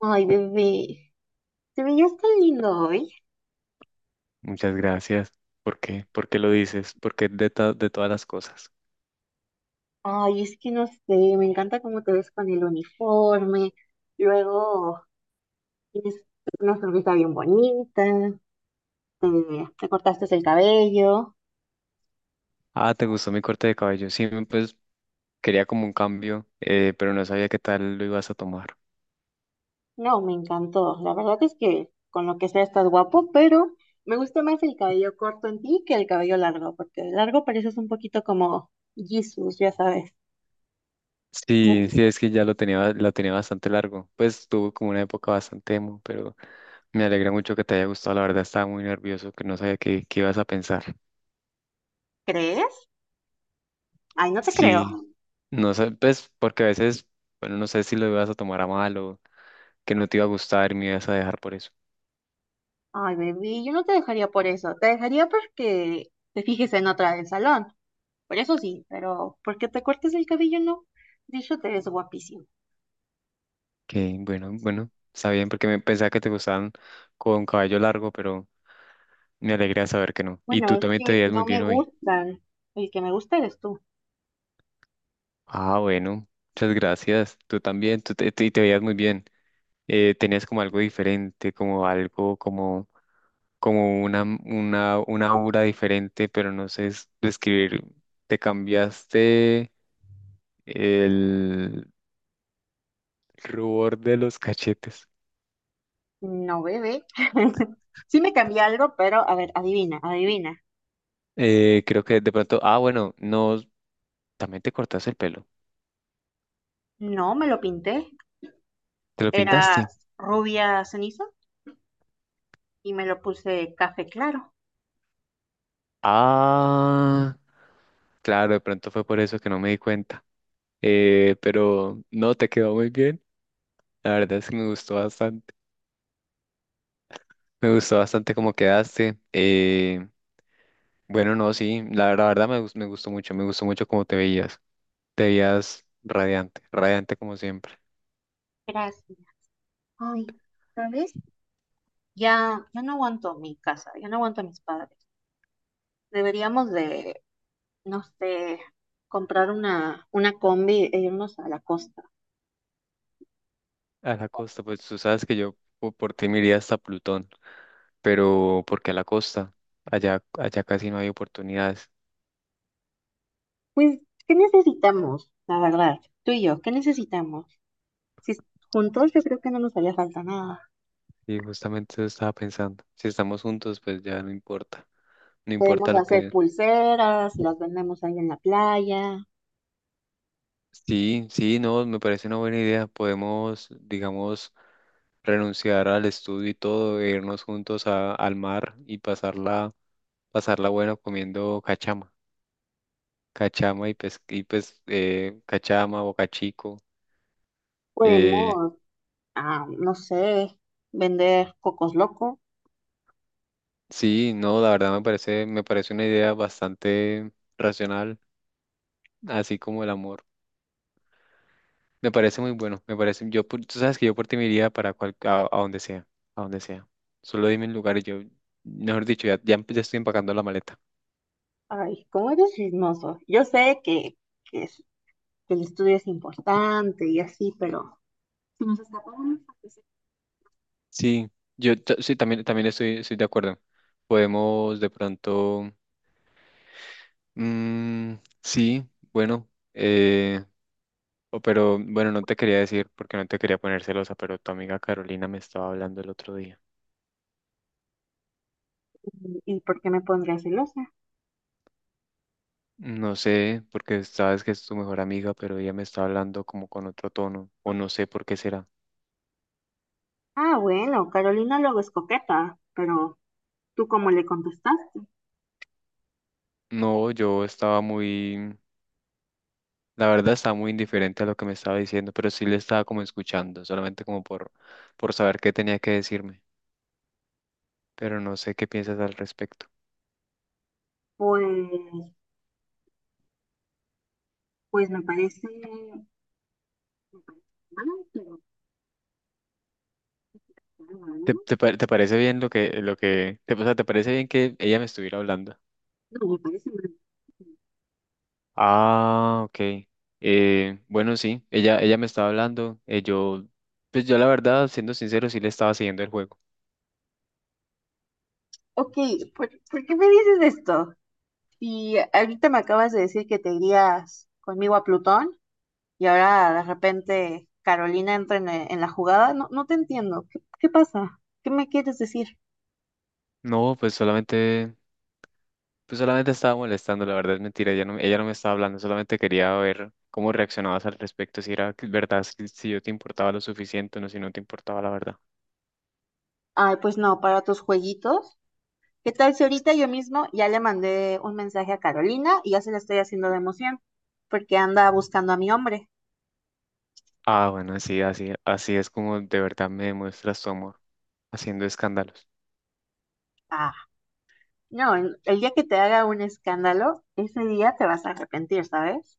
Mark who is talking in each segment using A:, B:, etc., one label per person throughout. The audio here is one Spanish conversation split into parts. A: Ay, bebé, te veías tan lindo hoy.
B: Muchas gracias. ¿Por qué? ¿Por qué lo dices? Porque de todas las cosas.
A: Ay, es que no sé, me encanta cómo te ves con el uniforme. Luego tienes una sonrisa bien bonita, te, te cortaste el cabello.
B: Ah, ¿te gustó mi corte de cabello? Sí, pues quería como un cambio, pero no sabía qué tal lo ibas a tomar.
A: No, me encantó. La verdad es que con lo que sea estás guapo, pero me gusta más el cabello corto en ti que el cabello largo, porque el largo pareces un poquito como Jesús, ya sabes.
B: Sí, sí, es que ya lo tenía, lo tenía bastante largo. Pues tuvo como una época bastante emo, pero me alegra mucho que te haya gustado. La verdad estaba muy nervioso, que no sabía qué ibas a pensar.
A: ¿Crees? Ay, no te
B: Sí,
A: creo.
B: no sé, pues porque a veces, bueno, no sé si lo ibas a tomar a mal o que no te iba a gustar y me ibas a dejar por eso.
A: Ay, bebé, yo no te dejaría por eso. Te dejaría porque te fijes en otra del salón. Por eso sí, pero porque te cortes el cabello, no. De hecho, te ves guapísimo.
B: Que bueno, bueno, está bien porque me pensaba que te gustaban con cabello largo, pero me alegra saber que no. Y
A: Bueno,
B: tú
A: es
B: también te
A: que
B: veías muy
A: no me
B: bien hoy.
A: gustan. El que me gusta eres tú.
B: Ah, bueno, muchas gracias. Tú también, te veías muy bien. Tenías como algo diferente, como algo, como, como una aura diferente, pero no sé describir. Te cambiaste el rubor de los cachetes.
A: No, bebé. Sí me cambié algo, pero a ver, adivina, adivina.
B: Creo que de pronto, ah, bueno, no, también te cortaste el pelo.
A: No, me lo pinté.
B: ¿Te lo
A: Era
B: pintaste?
A: rubia ceniza y me lo puse café claro.
B: Ah, claro, de pronto fue por eso que no me di cuenta. Pero no, te quedó muy bien. La verdad es que me gustó bastante. Me gustó bastante cómo quedaste. Bueno, no, sí, la verdad me gustó mucho cómo te veías. Te veías radiante, radiante como siempre.
A: Gracias. Ay, ¿sabes? Ya, ya no aguanto mi casa, ya no aguanto a mis padres. Deberíamos de no sé, comprar una combi e irnos a la costa.
B: A la costa, pues tú sabes que yo por ti me iría hasta Plutón, pero ¿por qué a la costa? Allá, allá casi no hay oportunidades.
A: Pues, ¿qué necesitamos? La verdad, tú y yo, ¿qué necesitamos? Si juntos yo creo que no nos haría falta nada.
B: Y justamente eso estaba pensando. Si estamos juntos, pues ya no importa. No
A: Podemos
B: importa lo
A: hacer
B: que...
A: pulseras, las vendemos ahí en la playa.
B: Sí, sí, no, me parece una buena idea. Podemos, digamos, renunciar al estudio y todo, e irnos juntos al mar y pasarla, pasarla buena comiendo cachama. Cachama y cachama, bocachico. Eh,
A: Podemos, ah, no sé, vender cocos locos.
B: sí, no, la verdad me parece una idea bastante racional, así como el amor. Me parece muy bueno, me parece, tú sabes que yo por ti me iría para a donde sea, a donde sea. Solo dime el lugar y yo, mejor dicho, ya estoy empacando la maleta.
A: Ay, cómo eres chismoso. Yo sé que que el estudio es importante y así, pero... Si nos escapamos,
B: Sí, sí, también, también estoy, estoy de acuerdo. Podemos de pronto, mm, sí, bueno, eh, o pero bueno, no te quería decir porque no te quería poner celosa, pero tu amiga Carolina me estaba hablando el otro día.
A: ¿y por qué me pondría celosa?
B: No sé, porque sabes que es tu mejor amiga, pero ella me está hablando como con otro tono, o no sé por qué será.
A: Ah, bueno, Carolina luego es coqueta, pero ¿tú cómo le contestaste?
B: No, yo estaba muy, la verdad estaba muy indiferente a lo que me estaba diciendo, pero sí le estaba como escuchando, solamente como por saber qué tenía que decirme, pero no sé qué piensas al respecto.
A: Pues, me parece mal, pero claro, ¿no?
B: Te parece bien lo que, o sea, te parece bien que ella me estuviera hablando?
A: No, me parece mal.
B: Ah, ok. Bueno, sí, ella me estaba hablando, pues yo la verdad, siendo sincero, sí le estaba siguiendo el juego.
A: Ok, ¿ por qué me dices esto? Y ahorita me acabas de decir que te irías conmigo a Plutón y ahora de repente Carolina entra en la jugada. No, no te entiendo. ¿ qué pasa? ¿Qué me quieres decir?
B: No, pues solamente Pues solamente estaba molestando, la verdad es mentira, ella no me estaba hablando, solamente quería ver cómo reaccionabas al respecto, si era verdad, si yo te importaba lo suficiente o no, si no te importaba la verdad.
A: Ay, pues no, para tus jueguitos. ¿Qué tal si ahorita yo mismo ya le mandé un mensaje a Carolina y ya se la estoy haciendo de emoción? Porque anda buscando a mi hombre.
B: Ah, bueno, sí, así, así es como de verdad me demuestras tu amor, haciendo escándalos.
A: Ah, no, el día que te haga un escándalo, ese día te vas a arrepentir, ¿sabes?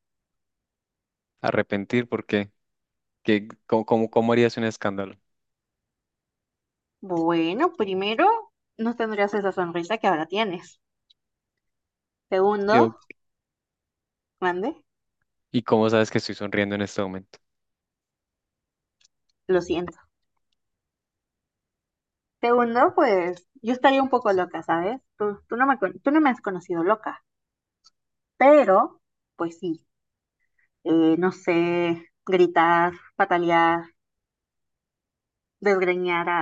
B: Arrepentir, ¿por qué? Cómo harías un escándalo?
A: Bueno, primero, no tendrías esa sonrisa que ahora tienes. Segundo,
B: Yo...
A: mande,
B: ¿Y cómo sabes que estoy sonriendo en este momento?
A: lo siento. Segundo, pues yo estaría un poco loca, ¿sabes? Tú tú no me has conocido loca, pero, pues sí, no sé, gritar, patalear desgreñar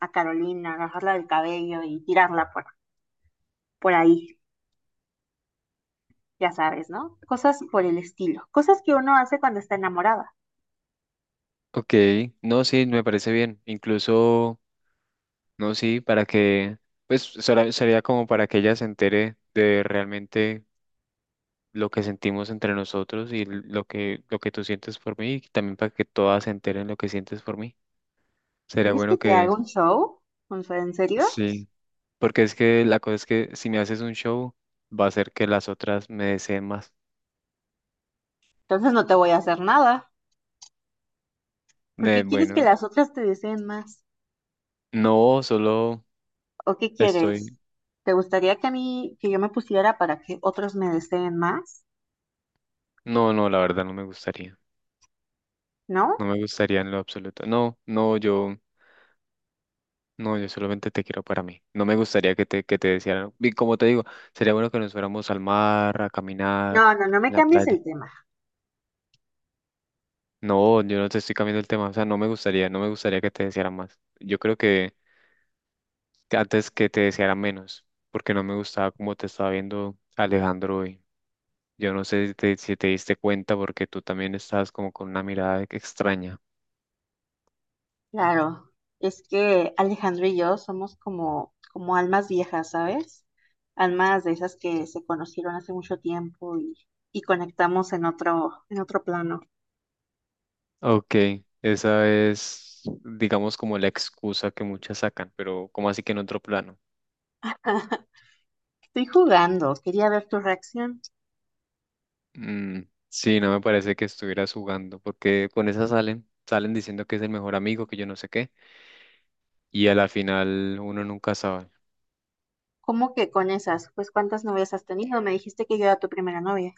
A: a Carolina, agarrarla del cabello y tirarla por ahí, ya sabes, ¿no? Cosas por el estilo, cosas que uno hace cuando está enamorada.
B: Ok, no, sí, me parece bien, incluso, no, sí, para que, pues sería como para que ella se entere de realmente lo que sentimos entre nosotros y lo que tú sientes por mí y también para que todas se enteren lo que sientes por mí. Sería
A: ¿Quieres que
B: bueno
A: te
B: que
A: haga un show? O sea, ¿en serio?
B: sí, porque es que la cosa es que si me haces un show, va a ser que las otras me deseen más.
A: Entonces no te voy a hacer nada. ¿Por
B: De
A: qué quieres que
B: bueno,
A: las otras te deseen más?
B: no, solo
A: ¿O qué quieres?
B: estoy.
A: ¿Te gustaría que yo me pusiera para que otros me deseen más?
B: No, no, la verdad no me gustaría. No
A: ¿No?
B: me gustaría en lo absoluto. No, no, yo, no, yo solamente te quiero para mí. No me gustaría que que te desearan. Y como te digo, sería bueno que nos fuéramos al mar, a caminar,
A: No, no, no me
B: en la
A: cambies
B: playa.
A: el tema.
B: No, yo no te estoy cambiando el tema, o sea, no me gustaría, no me gustaría que te deseara más. Yo creo que antes que te deseara menos, porque no me gustaba cómo te estaba viendo Alejandro hoy. Yo no sé si te diste cuenta porque tú también estabas como con una mirada extraña.
A: Claro, es que Alejandro y yo somos como almas viejas, ¿sabes? Almas de esas que se conocieron hace mucho tiempo y conectamos en otro plano.
B: Ok, esa es, digamos, como la excusa que muchas sacan, pero ¿cómo así que en otro plano?
A: Estoy jugando, quería ver tu reacción.
B: Mm, sí, no me parece que estuvieras jugando, porque con esa salen, salen diciendo que es el mejor amigo, que yo no sé qué, y a la final uno nunca sabe.
A: ¿Cómo que con esas? Pues ¿cuántas novias has tenido? Me dijiste que yo era tu primera novia.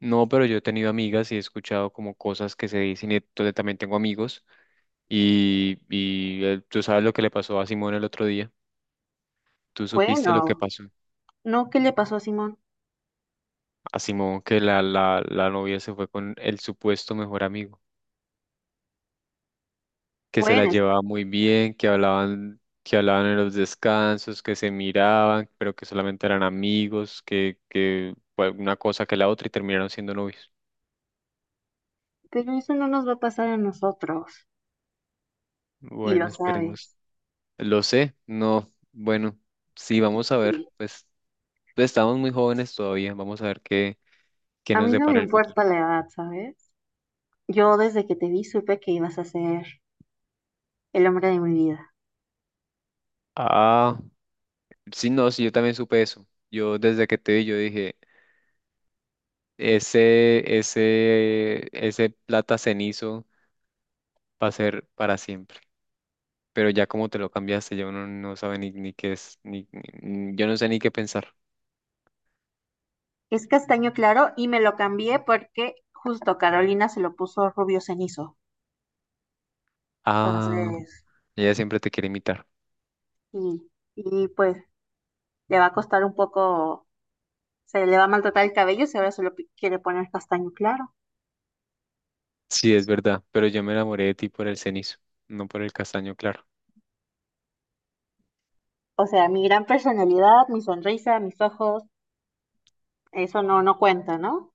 B: No, pero yo he tenido amigas y he escuchado como cosas que se dicen y entonces también tengo amigos y tú sabes lo que le pasó a Simón el otro día. ¿Tú supiste lo que
A: Bueno,
B: pasó
A: no, ¿qué le pasó a Simón?
B: a Simón, que la novia se fue con el supuesto mejor amigo, que se la
A: Bueno,
B: llevaba muy bien, que hablaban en los descansos, que se miraban, pero que solamente eran amigos, que fue una cosa que la otra y terminaron siendo novios?
A: pero eso no nos va a pasar a nosotros, y
B: Bueno,
A: lo
B: esperemos.
A: sabes.
B: Lo sé, no, bueno, sí, vamos a ver,
A: Y
B: pues. Pues, estamos muy jóvenes todavía, vamos a ver qué
A: a
B: nos
A: mí no me
B: depara el futuro.
A: importa la edad, ¿sabes? Yo desde que te vi supe que ibas a ser el hombre de mi vida.
B: Ah, sí, no, sí, yo también supe eso. Yo desde que te vi, yo dije, ese plata cenizo va a ser para siempre. Pero ya como te lo cambiaste, yo no, no sabe ni, ni qué es, yo no sé ni qué pensar.
A: Es castaño claro y me lo cambié porque justo Carolina se lo puso rubio cenizo.
B: Ah,
A: Entonces,
B: ella siempre te quiere imitar.
A: y, y pues le va a costar un poco, se le va a maltratar el cabello si ahora se lo pi- quiere poner castaño claro.
B: Sí, es verdad, pero yo me enamoré de ti por el cenizo, no por el castaño, claro.
A: O sea, mi gran personalidad, mi sonrisa, mis ojos, eso no, no cuenta, ¿no?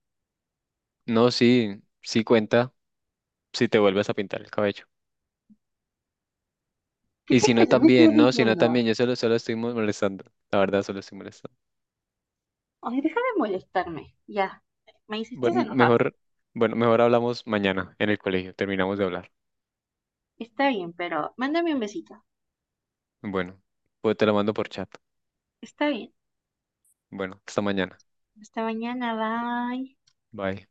B: No, sí, sí cuenta si te vuelves a pintar el cabello.
A: ¿Qué
B: Y si no
A: tontería me estás
B: también, no, si no
A: diciendo?
B: también, yo solo, molestando, la verdad solo estoy molestando.
A: Ay, deja de molestarme, ya. Me hiciste
B: Bueno,
A: enojar.
B: mejor, bueno, mejor hablamos mañana en el colegio, terminamos de hablar.
A: Está bien, pero mándame un besito.
B: Bueno, pues te lo mando por chat.
A: Está bien.
B: Bueno, hasta mañana.
A: Hasta mañana, bye.
B: Bye.